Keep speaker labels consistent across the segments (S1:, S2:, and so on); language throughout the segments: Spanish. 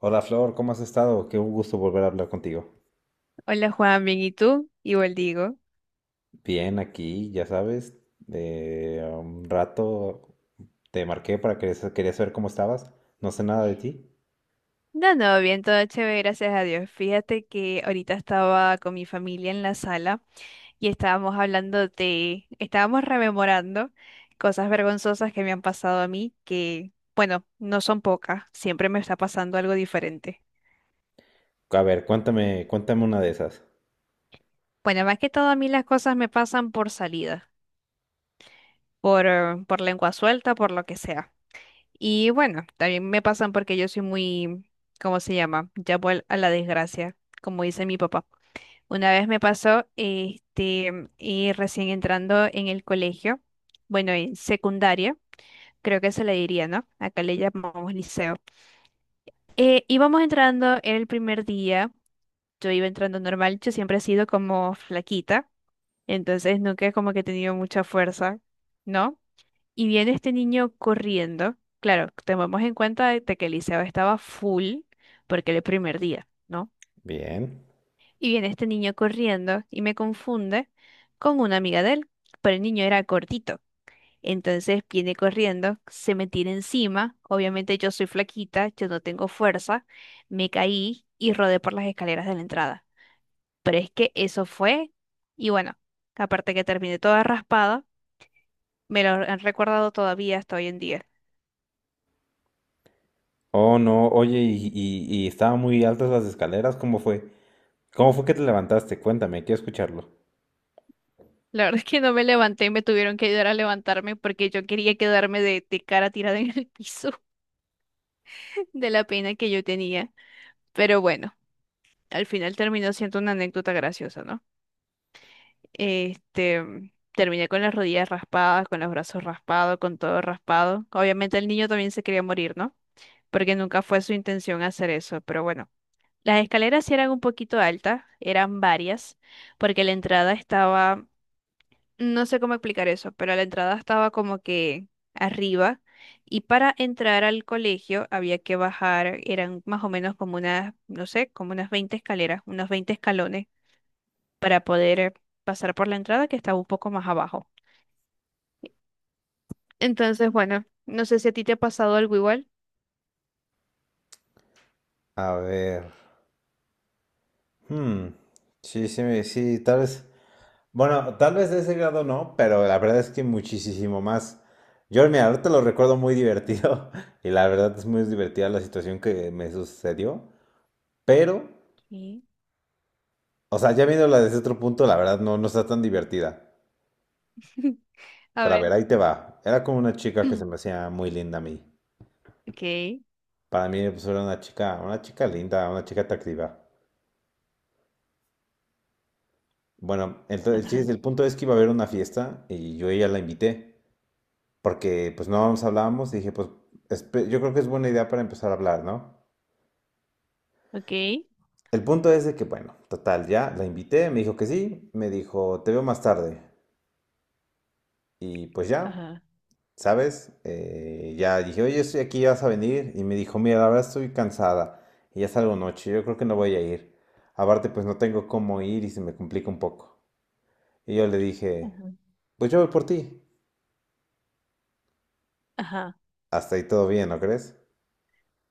S1: Hola Flor, ¿cómo has estado? Qué un gusto volver a hablar contigo.
S2: Hola Juan, bien, ¿y tú? Igual digo.
S1: Bien, aquí, ya sabes, de un rato te marqué para que quería saber cómo estabas. No sé nada de ti.
S2: No, no, bien, todo chévere, gracias a Dios. Fíjate que ahorita estaba con mi familia en la sala y estábamos rememorando cosas vergonzosas que me han pasado a mí, que, bueno, no son pocas, siempre me está pasando algo diferente.
S1: A ver, cuéntame una de esas.
S2: Bueno, más que todo a mí las cosas me pasan por salida, por lengua suelta, por lo que sea. Y bueno, también me pasan porque yo soy muy, ¿cómo se llama? Llamo a la desgracia, como dice mi papá. Una vez me pasó, y recién entrando en el colegio, bueno, en secundaria, creo que se le diría, ¿no? Acá le llamamos liceo. Íbamos entrando en el primer día, yo iba entrando normal, yo siempre he sido como flaquita, entonces nunca como que he tenido mucha fuerza, ¿no? Y viene este niño corriendo, claro, tomemos en cuenta de que el liceo estaba full porque era el primer día, ¿no?
S1: Bien.
S2: Y viene este niño corriendo y me confunde con una amiga de él, pero el niño era cortito. Entonces viene corriendo, se me tira encima. Obviamente yo soy flaquita, yo no tengo fuerza. Me caí y rodé por las escaleras de la entrada. Pero es que eso fue. Y bueno, aparte que terminé toda raspada, me lo han recordado todavía hasta hoy en día.
S1: Oh, no, oye, y estaban muy altas las escaleras, ¿cómo fue? ¿Cómo fue que te levantaste? Cuéntame, quiero escucharlo.
S2: La verdad es que no me levanté, me tuvieron que ayudar a levantarme porque yo quería quedarme de cara tirada en el piso de la pena que yo tenía. Pero bueno, al final terminó siendo una anécdota graciosa, ¿no? Terminé con las rodillas raspadas, con los brazos raspados, con todo raspado. Obviamente el niño también se quería morir, ¿no? Porque nunca fue su intención hacer eso, pero bueno. Las escaleras sí eran un poquito altas, eran varias, porque la entrada estaba, no sé cómo explicar eso, pero la entrada estaba como que arriba y para entrar al colegio había que bajar, eran más o menos como unas, no sé, como unas 20 escaleras, unos 20 escalones para poder pasar por la entrada que estaba un poco más abajo. Entonces, bueno, no sé si a ti te ha pasado algo igual.
S1: A ver. Hmm. Sí, sí, tal vez. Bueno, tal vez de ese grado no, pero la verdad es que muchísimo más. Yo, mira, ahorita lo recuerdo muy divertido y la verdad es muy divertida la situación que me sucedió, pero,
S2: Sí.
S1: o sea, ya viéndola desde otro punto, la verdad no, no está tan divertida.
S2: A
S1: Pero a ver,
S2: ver.
S1: ahí te va. Era como una chica que se me hacía muy linda a mí.
S2: Okay,
S1: Para mí, pues era una chica linda, una chica atractiva. Bueno, entonces el
S2: ajá,
S1: chiste, el punto es que iba a haber una fiesta y yo a ella la invité, porque pues no nos hablábamos y dije, pues yo creo que es buena idea para empezar a hablar, ¿no?
S2: okay,
S1: El punto es de que, bueno, total, ya la invité, me dijo que sí, me dijo, te veo más tarde. Y pues ya,
S2: ajá,
S1: ¿sabes? Ya dije, oye, estoy aquí, vas a venir. Y me dijo, mira, la verdad estoy cansada y ya salgo noche, yo creo que no voy a ir. Aparte, pues no tengo cómo ir y se me complica un poco. Y yo le dije,
S2: ajá,
S1: pues yo voy por ti.
S2: ajá.
S1: Hasta ahí todo bien, ¿no crees?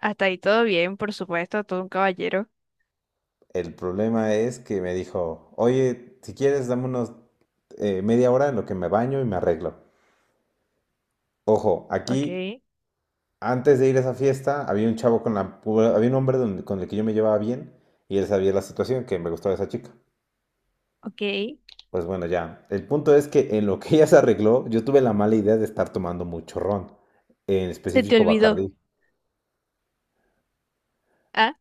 S2: Hasta ahí todo bien, por supuesto, todo un caballero.
S1: El problema es que me dijo, oye, si quieres, dame unos media hora en lo que me baño y me arreglo. Ojo, aquí
S2: Okay,
S1: antes de ir a esa fiesta, había un chavo con la... había un hombre con el que yo me llevaba bien y él sabía la situación, que me gustaba esa chica.
S2: okay.
S1: Pues bueno, ya. El punto es que en lo que ella se arregló, yo tuve la mala idea de estar tomando mucho ron, en
S2: Se te
S1: específico
S2: olvidó.
S1: Bacardí.
S2: Ah,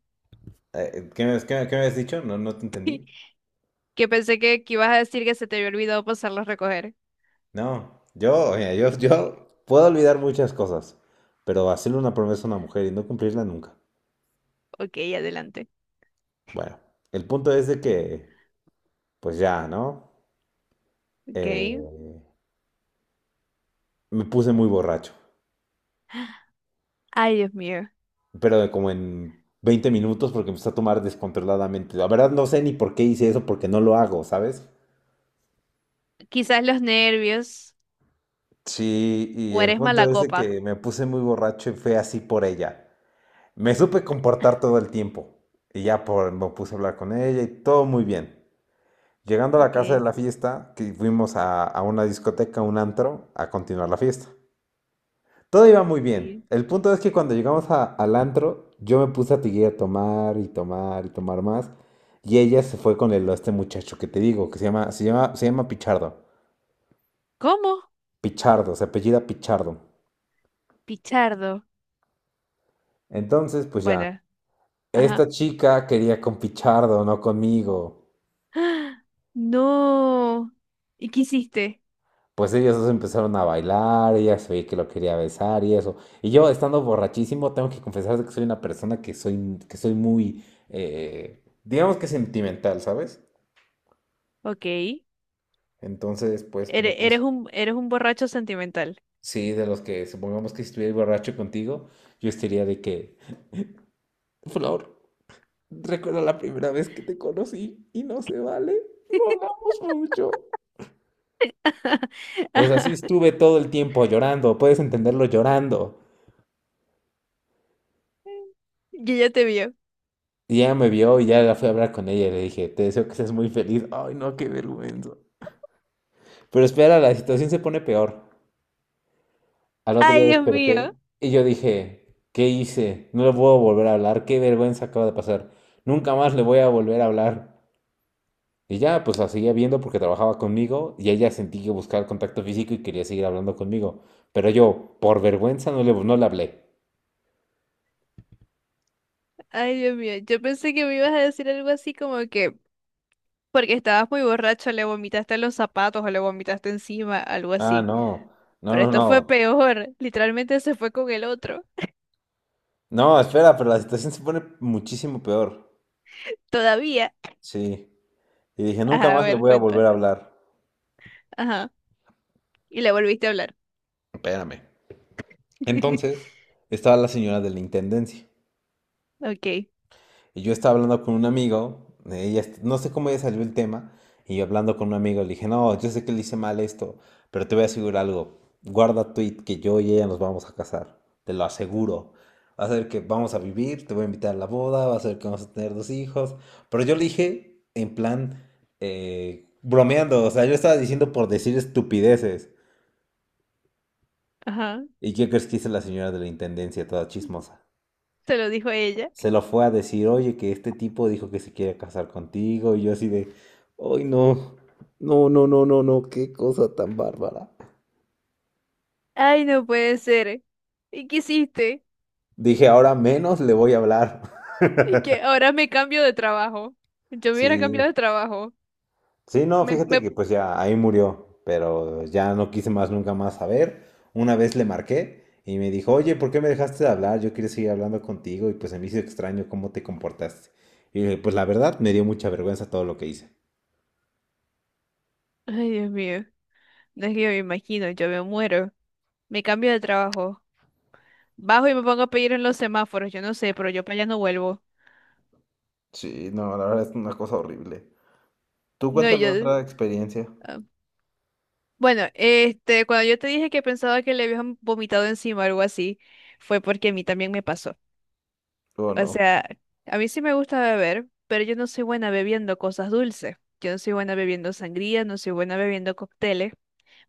S1: ¿Qué me, qué me has dicho? No, no te entendí.
S2: que pensé que ibas a decir que se te había olvidado pasarlo a recoger.
S1: No, yo, mira, yo,
S2: Okay,
S1: yo puedo olvidar muchas cosas, pero hacerle una promesa a una mujer y no cumplirla nunca.
S2: okay, adelante.
S1: Bueno, el punto es de que, pues ya, ¿no?
S2: Okay.
S1: Eh, Me puse muy borracho,
S2: Ay, Dios mío.
S1: pero de como en 20 minutos porque empecé a tomar descontroladamente. La verdad no sé ni por qué hice eso, porque no lo hago, ¿sabes?
S2: Quizás los nervios
S1: Sí, y
S2: o
S1: el
S2: eres mala
S1: punto es de
S2: copa.
S1: que me puse muy borracho y fue así por ella. Me supe comportar todo el tiempo. Y ya por, me puse a hablar con ella y todo muy bien. Llegando a la casa de
S2: Okay.
S1: la fiesta, que fuimos a una discoteca, un antro, a continuar la fiesta. Todo iba muy bien.
S2: Sí.
S1: El punto es que cuando llegamos al antro, yo me puse a seguir a tomar y tomar y tomar más. Y ella se fue con el, este muchacho que te digo, que se llama Pichardo.
S2: ¿Cómo?
S1: Pichardo, se apellida Pichardo.
S2: Pichardo.
S1: Entonces, pues ya,
S2: Bueno,
S1: esta
S2: ajá.
S1: chica quería con Pichardo, no conmigo.
S2: ¡Ah! No. ¿Y qué hiciste?
S1: Pues ellos dos empezaron a bailar, ella se veía que lo quería besar y eso. Y yo, estando borrachísimo, tengo que confesar que soy una persona que soy muy, digamos que sentimental, ¿sabes?
S2: Ok.
S1: Entonces, pues me
S2: Eres
S1: puse,
S2: un, eres un borracho sentimental.
S1: sí, de los que supongamos que si estuviera borracho contigo, yo estaría de que, Flor, recuerda la primera vez que te conocí y no se vale, no hablamos mucho. Pues así
S2: Ajá.
S1: estuve todo el tiempo llorando, puedes entenderlo llorando.
S2: Y ella te vio.
S1: Y ya me vio y ya la fui a hablar con ella y le dije, te deseo que seas muy feliz. Ay, no, qué vergüenza. Pero espera, la situación se pone peor. Al otro día
S2: Ay, Dios
S1: desperté
S2: mío.
S1: y yo dije, ¿qué hice? No le puedo volver a hablar, qué vergüenza acaba de pasar. Nunca más le voy a volver a hablar. Y ya, pues la seguía viendo porque trabajaba conmigo y ella sentí que buscaba el contacto físico y quería seguir hablando conmigo. Pero yo, por vergüenza, no le hablé.
S2: Ay, Dios mío. Yo pensé que me ibas a decir algo así como que porque estabas muy borracho, le vomitaste en los zapatos o le vomitaste encima, algo
S1: Ah,
S2: así.
S1: no, no,
S2: Pero
S1: no,
S2: esto fue
S1: no.
S2: peor. Literalmente se fue con el otro.
S1: No, espera, pero la situación se pone muchísimo peor.
S2: Todavía.
S1: Sí. Y dije, nunca
S2: Ajá, a
S1: más le
S2: ver,
S1: voy a
S2: cuenta.
S1: volver a hablar.
S2: Ajá. Y le volviste a hablar.
S1: Espérame. Entonces, estaba la señora de la intendencia.
S2: Ok.
S1: Y yo estaba hablando con un amigo, ella, no sé cómo ella salió el tema, y yo hablando con un amigo le dije, no, yo sé que le hice mal esto, pero te voy a asegurar algo, guarda tweet que yo y ella nos vamos a casar, te lo aseguro. Va a ser que vamos a vivir, te voy a invitar a la boda, va a ser que vamos a tener dos hijos. Pero yo le dije en plan bromeando, o sea, yo estaba diciendo por decir estupideces.
S2: Ajá.
S1: ¿Y qué crees que hizo la señora de la intendencia, toda chismosa?
S2: Se lo dijo ella.
S1: Se lo fue a decir, oye, que este tipo dijo que se quiere casar contigo, y yo así de, ay, no, no, no, no, no, no, qué cosa tan bárbara.
S2: Ay, no puede ser. ¿Y qué hiciste?
S1: Dije, ahora menos le voy a hablar.
S2: Y que ahora me cambio de trabajo. Yo me hubiera
S1: Sí,
S2: cambiado de trabajo.
S1: sí, no,
S2: Me,
S1: fíjate
S2: me...
S1: que pues ya ahí murió, pero ya no quise más nunca más saber. Una vez le marqué y me dijo, oye, ¿por qué me dejaste de hablar? Yo quería seguir hablando contigo y pues se me hizo extraño cómo te comportaste. Y le dije, pues la verdad me dio mucha vergüenza todo lo que hice.
S2: Ay, Dios mío. No es que yo me imagino, yo me muero. Me cambio de trabajo. Bajo y me pongo a pedir en los semáforos. Yo no sé, pero yo para allá no vuelvo.
S1: Sí, no, la verdad es una cosa horrible. Tú
S2: No,
S1: cuéntame
S2: yo...
S1: otra experiencia.
S2: ah. Bueno, este, cuando yo te dije que pensaba que le habían vomitado encima o algo así, fue porque a mí también me pasó.
S1: Oh,
S2: O
S1: no.
S2: sea, a mí sí me gusta beber, pero yo no soy buena bebiendo cosas dulces. Yo no soy buena bebiendo sangría, no soy buena bebiendo cócteles,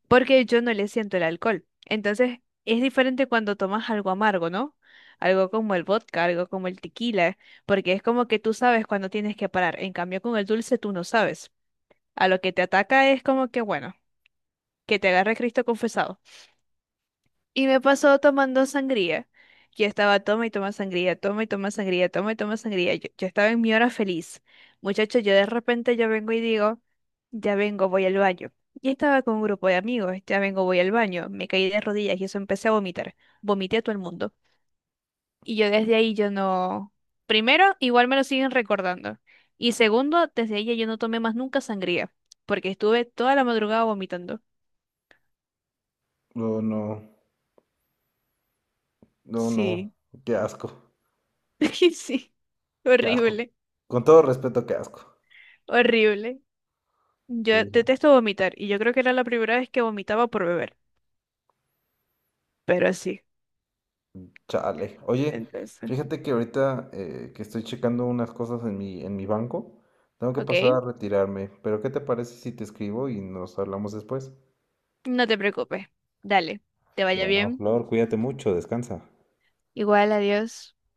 S2: porque yo no le siento el alcohol. Entonces, es diferente cuando tomas algo amargo, ¿no? Algo como el vodka, algo como el tequila, porque es como que tú sabes cuando tienes que parar. En cambio, con el dulce tú no sabes. A lo que te ataca es como que, bueno, que te agarre Cristo confesado. Y me pasó tomando sangría. Yo estaba toma y toma sangría, toma y toma sangría, toma y toma sangría. Yo estaba en mi hora feliz. Muchachos, yo de repente yo vengo y digo, ya vengo, voy al baño. Y estaba con un grupo de amigos, ya vengo, voy al baño. Me caí de rodillas y eso empecé a vomitar. Vomité a todo el mundo. Y yo desde ahí yo no... Primero, igual me lo siguen recordando. Y segundo, desde ahí ya yo no tomé más nunca sangría, porque estuve toda la madrugada vomitando.
S1: No, no. No,
S2: Sí,
S1: no. Qué asco.
S2: sí,
S1: Qué asco.
S2: horrible.
S1: Con todo respeto, qué asco.
S2: Horrible. Yo
S1: Sí, no,
S2: detesto vomitar y yo creo que era la primera vez que vomitaba por beber, pero sí.
S1: chale. Oye,
S2: Entonces.
S1: fíjate que ahorita que estoy checando unas cosas en mi banco, tengo que
S2: Ok,
S1: pasar a retirarme. Pero ¿qué te parece si te escribo y nos hablamos después?
S2: no te preocupes. Dale, te vaya
S1: Bueno,
S2: bien.
S1: Flor, cuídate mucho, descansa.
S2: Igual, adiós.